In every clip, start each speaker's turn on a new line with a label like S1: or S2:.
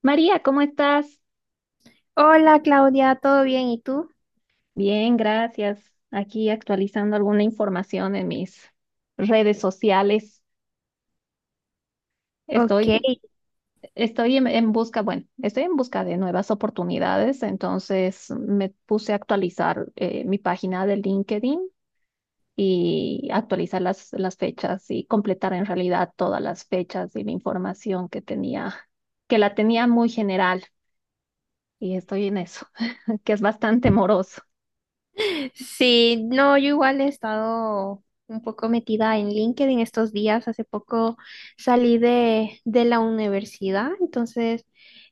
S1: María, ¿cómo estás?
S2: Hola Claudia, ¿todo bien? ¿Y tú?
S1: Bien, gracias. Aquí actualizando alguna información en mis redes sociales.
S2: Ok.
S1: Estoy, estoy en busca, bueno, estoy en busca de nuevas oportunidades, entonces me puse a actualizar mi página de LinkedIn y actualizar las fechas y completar en realidad todas las fechas y la información que tenía, que la tenía muy general y estoy en eso, que es bastante moroso.
S2: Sí, no, yo igual he estado un poco metida en LinkedIn estos días. Hace poco salí de la universidad, entonces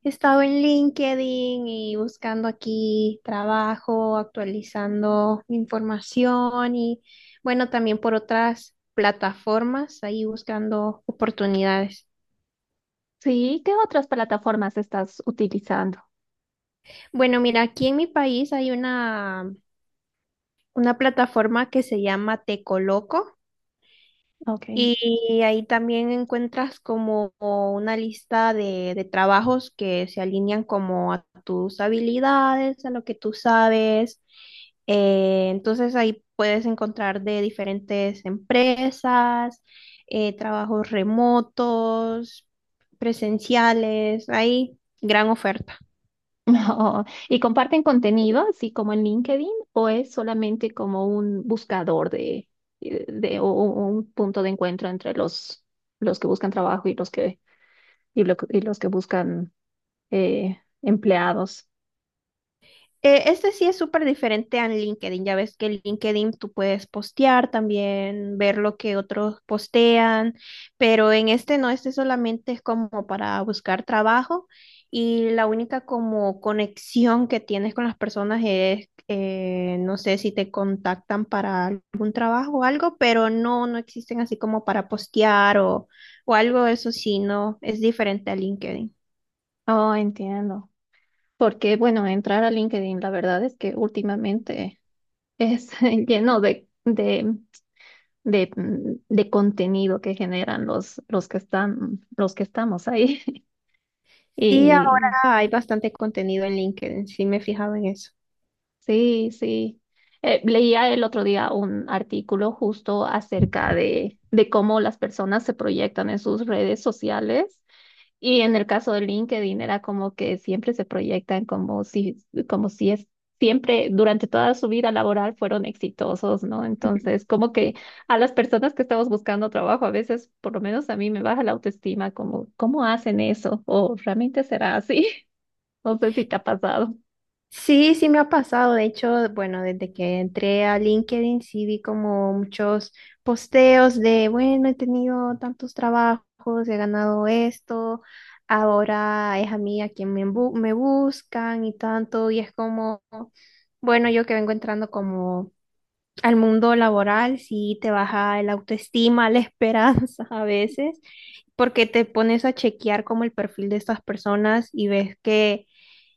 S2: he estado en LinkedIn y buscando aquí trabajo, actualizando información y bueno, también por otras plataformas, ahí buscando oportunidades.
S1: Sí, ¿qué otras plataformas estás utilizando?
S2: Bueno, mira, aquí en mi país hay una plataforma que se llama Te Coloco
S1: Ok.
S2: y ahí también encuentras como una lista de trabajos que se alinean como a tus habilidades, a lo que tú sabes. Entonces ahí puedes encontrar de diferentes empresas, trabajos remotos, presenciales, hay gran oferta.
S1: Oh, ¿y comparten contenido, así como en LinkedIn, o es solamente como un buscador de o un punto de encuentro entre los que buscan trabajo y los que buscan empleados?
S2: Este sí es súper diferente a LinkedIn. Ya ves que en LinkedIn tú puedes postear también, ver lo que otros postean, pero en este no, este solamente es como para buscar trabajo y la única como conexión que tienes con las personas es, no sé si te contactan para algún trabajo o algo, pero no, no existen así como para postear o algo, eso sí, no, es diferente a LinkedIn.
S1: Oh, entiendo. Porque, bueno, entrar a LinkedIn, la verdad es que últimamente es lleno de, de contenido que generan los que estamos ahí.
S2: Sí, ahora
S1: Y
S2: hay bastante contenido en LinkedIn, sí me he fijado en eso.
S1: sí, sí. Leía el otro día un artículo justo acerca de cómo las personas se proyectan en sus redes sociales. Y en el caso de LinkedIn era como que siempre se proyectan como si siempre durante toda su vida laboral fueron exitosos, ¿no? Entonces, como que
S2: Sí,
S1: a las personas que estamos buscando trabajo, a veces, por lo menos a mí me baja la autoestima, como, ¿cómo hacen eso? ¿O realmente será así? No sé si te ha pasado.
S2: sí me ha pasado. De hecho, bueno, desde que entré a LinkedIn, sí vi como muchos posteos de, bueno, he tenido tantos trabajos, he ganado esto, ahora es a mí a quien me, me buscan y tanto. Y es como, bueno, yo que vengo entrando como al mundo laboral, sí te baja el autoestima, la esperanza a veces, porque te pones a chequear como el perfil de estas personas y ves que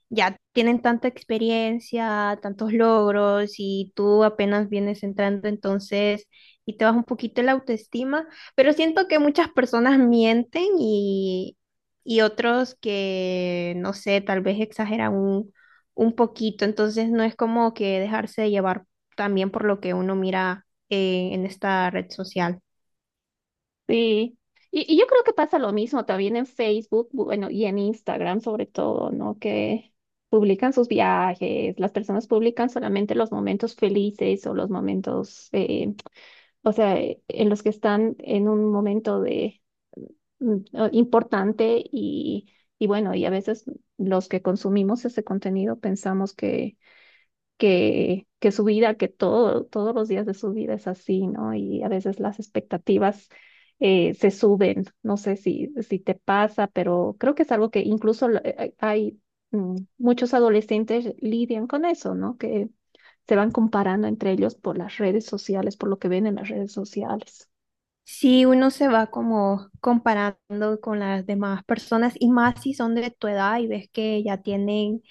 S2: ya tienen tanta experiencia, tantos logros y tú apenas vienes entrando entonces y te baja un poquito la autoestima, pero siento que muchas personas mienten y otros que, no sé, tal vez exageran un poquito, entonces no es como que dejarse llevar también por lo que uno mira en esta red social.
S1: Sí, y yo creo que pasa lo mismo también en Facebook, bueno, y en Instagram sobre todo, ¿no? Que publican sus viajes, las personas publican solamente los momentos felices o los momentos, o sea, en los que están en un momento de importante y bueno, y a veces los que consumimos ese contenido pensamos que su vida, que todos los días de su vida es así, ¿no? Y a veces las expectativas se suben. No sé si te pasa, pero creo que es algo que incluso hay muchos adolescentes lidian con eso, ¿no? Que se van comparando entre ellos por las redes sociales, por lo que ven en las redes sociales.
S2: Sí, uno se va como comparando con las demás personas y más si son de tu edad y ves que ya tienen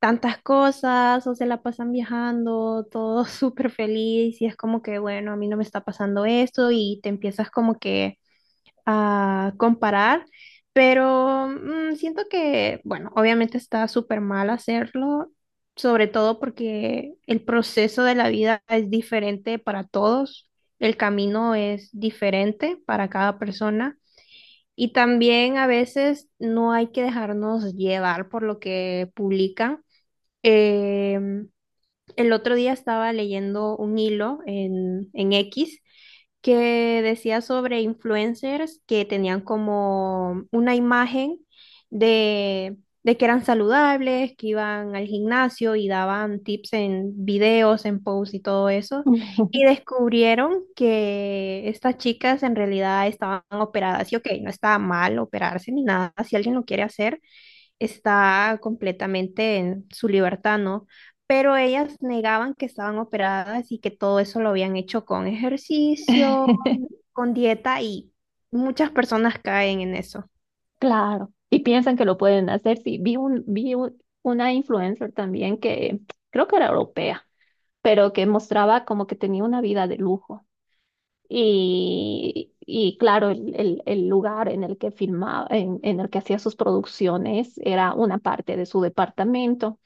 S2: tantas cosas o se la pasan viajando, todo súper feliz y es como que, bueno, a mí no me está pasando esto y te empiezas como que a comparar, pero siento que, bueno, obviamente está súper mal hacerlo, sobre todo porque el proceso de la vida es diferente para todos, el camino es diferente para cada persona y también a veces no hay que dejarnos llevar por lo que publican. Em, el otro día estaba leyendo un hilo en X que decía sobre influencers que tenían como una imagen de, de que eran saludables, que iban al gimnasio y daban tips en videos, en posts y todo eso. Y descubrieron que estas chicas en realidad estaban operadas. Y ok, no está mal operarse ni nada, si alguien lo quiere hacer, está completamente en su libertad, ¿no? Pero ellas negaban que estaban operadas y que todo eso lo habían hecho con ejercicio, con dieta y muchas personas caen en eso.
S1: Claro, y piensan que lo pueden hacer. Sí, vi una influencer también que creo que era europea pero que mostraba como que tenía una vida de lujo. Y claro, el lugar en el que filmaba, en el que hacía sus producciones era una parte de su departamento,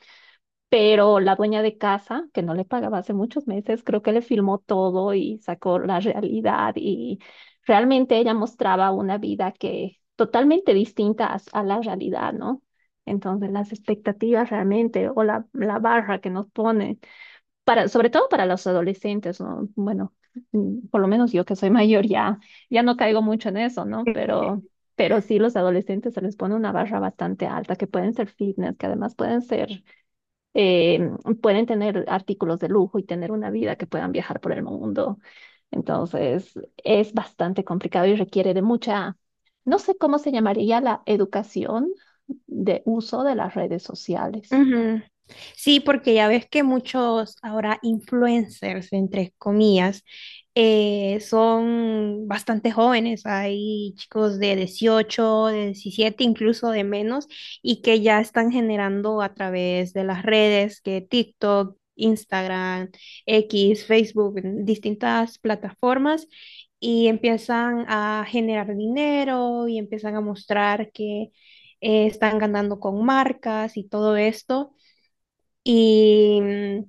S1: pero la dueña de casa, que no le pagaba hace muchos meses, creo que le filmó todo y sacó la realidad y realmente ella mostraba una vida que totalmente distinta a la realidad, ¿no? Entonces las expectativas realmente o la barra que nos pone sobre todo para los adolescentes, ¿no? Bueno, por lo menos yo que soy mayor ya, ya no caigo mucho en eso, ¿no? Pero sí los adolescentes se les pone una barra bastante alta, que pueden ser fitness, que además eh, pueden tener artículos de lujo y tener una vida que puedan viajar por el mundo. Entonces, es bastante complicado y requiere de mucha, no sé cómo se llamaría la educación de uso de las redes sociales.
S2: Ujú. Sí, porque ya ves que muchos ahora influencers, entre comillas, son bastante jóvenes. Hay chicos de 18 de 17 incluso de menos, y que ya están generando a través de las redes, que TikTok, Instagram, X, Facebook, en distintas plataformas, y empiezan a generar dinero y empiezan a mostrar que están ganando con marcas y todo esto, y,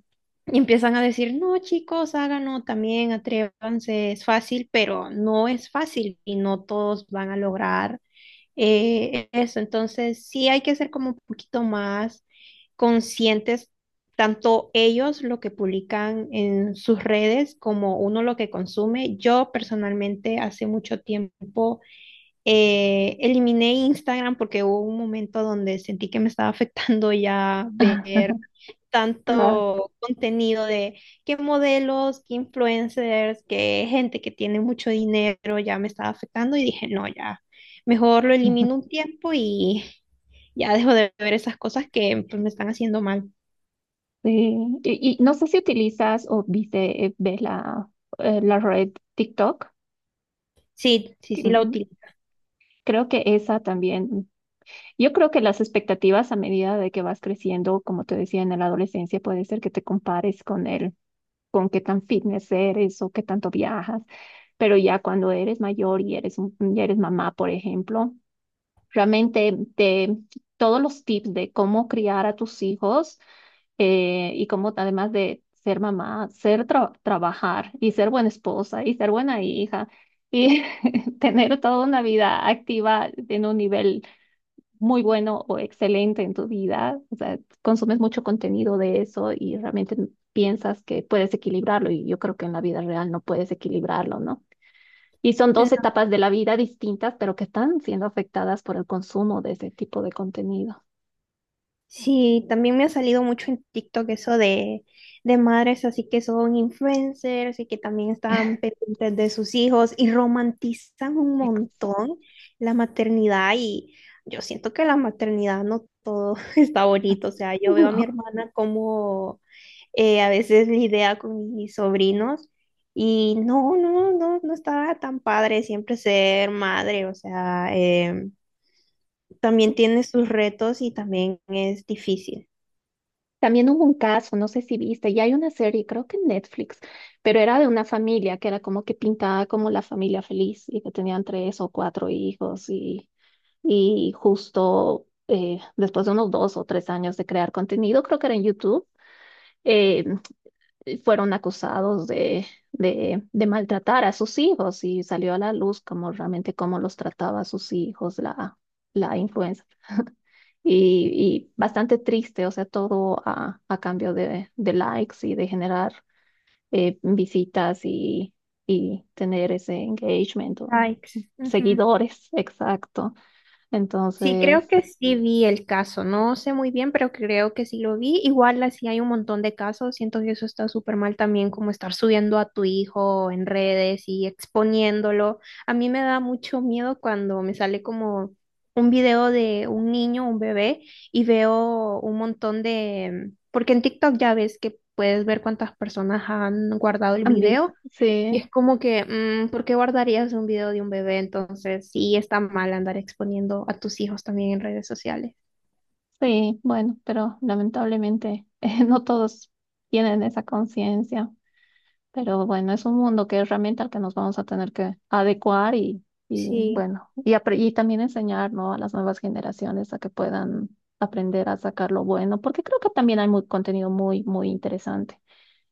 S2: y empiezan a decir, no, chicos, háganlo también, atrévanse, es fácil, pero no es fácil y no todos van a lograr eso. Entonces, sí hay que ser como un poquito más conscientes, tanto ellos lo que publican en sus redes como uno lo que consume. Yo personalmente hace mucho tiempo eliminé Instagram porque hubo un momento donde sentí que me estaba afectando ya ver
S1: Claro.
S2: tanto contenido de qué modelos, qué influencers, qué gente que tiene mucho dinero, ya me estaba afectando y dije, no, ya, mejor lo elimino un tiempo y ya dejo de ver esas cosas que pues, me están haciendo mal.
S1: Sí, y no sé si utilizas o viste, ves la red TikTok.
S2: Sí, sí,
S1: que,
S2: sí la
S1: mm,
S2: utilizo.
S1: Creo que esa también, yo creo que las expectativas a medida de que vas creciendo, como te decía en la adolescencia, puede ser que te compares con él, con qué tan fitness eres o qué tanto viajas, pero ya cuando eres mayor y ya eres mamá, por ejemplo, realmente te, todos los tips de cómo criar a tus hijos y como además de ser mamá, trabajar y ser buena esposa y ser buena hija y tener toda una vida activa en un nivel muy bueno o excelente en tu vida, o sea, consumes mucho contenido de eso y realmente piensas que puedes equilibrarlo y yo creo que en la vida real no puedes equilibrarlo, ¿no? Y son dos etapas de la vida distintas, pero que están siendo afectadas por el consumo de ese tipo de contenido.
S2: Sí, también me ha salido mucho en TikTok eso de madres así que son influencers y que también están pendientes de sus hijos y romantizan un
S1: Exacto.
S2: montón la maternidad y yo siento que la maternidad no todo está bonito. O sea, yo veo a mi hermana como a veces lidia con mis sobrinos y no, no, no, no está tan padre siempre ser madre. O sea, también tiene sus retos y también es difícil.
S1: También hubo un caso, no sé si viste, ya hay una serie, creo que en Netflix, pero era de una familia que era como que pintada como la familia feliz y que tenían tres o cuatro hijos y justo después de unos 2 o 3 años de crear contenido, creo que era en YouTube, eh, fueron acusados de maltratar a sus hijos y salió a la luz como realmente cómo los trataba a sus hijos, la influenza y, y bastante triste, o sea, todo a cambio de likes y de generar visitas y tener ese engagement o
S2: Sykes. Ujú.
S1: seguidores, exacto.
S2: Sí, creo
S1: Entonces,
S2: que sí vi el caso. No sé muy bien, pero creo que sí lo vi. Igual así hay un montón de casos. Siento que eso está súper mal también, como estar subiendo a tu hijo en redes y exponiéndolo. A mí me da mucho miedo cuando me sale como un video de un niño, un bebé, y veo un montón de. Porque en TikTok ya ves que puedes ver cuántas personas han guardado el
S1: ambis,
S2: video.
S1: sí,
S2: Y es como que, ¿por qué guardarías un video de un bebé? Entonces, sí está mal andar exponiendo a tus hijos también en redes sociales.
S1: sí, bueno, pero lamentablemente no todos tienen esa conciencia. Pero bueno, es un mundo que es realmente al que nos vamos a tener que adecuar y
S2: Sí,
S1: bueno, y también enseñar, ¿no? A las nuevas generaciones a que puedan aprender a sacar lo bueno, porque creo que también hay contenido muy, muy interesante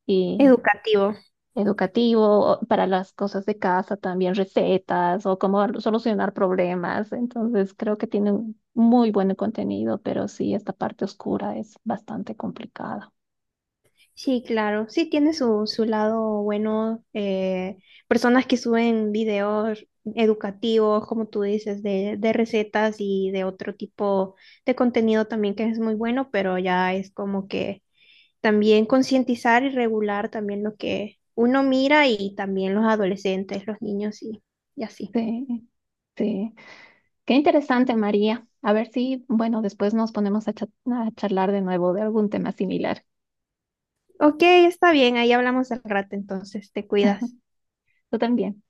S1: y
S2: educativo.
S1: educativo o para las cosas de casa también, recetas o cómo solucionar problemas. Entonces, creo que tiene un muy buen contenido, pero sí, esta parte oscura es bastante complicada.
S2: Sí, claro. Sí, tiene su, su lado bueno. Personas que suben videos educativos, como tú dices, de recetas y de otro tipo de contenido también que es muy bueno, pero ya es como que también concientizar y regular también lo que uno mira y también los adolescentes, los niños y así.
S1: Sí, sí. Qué interesante, María. A ver si, bueno, después nos ponemos a charlar de nuevo de algún tema similar.
S2: Ok, está bien, ahí hablamos al rato, entonces te cuidas.
S1: Tú también.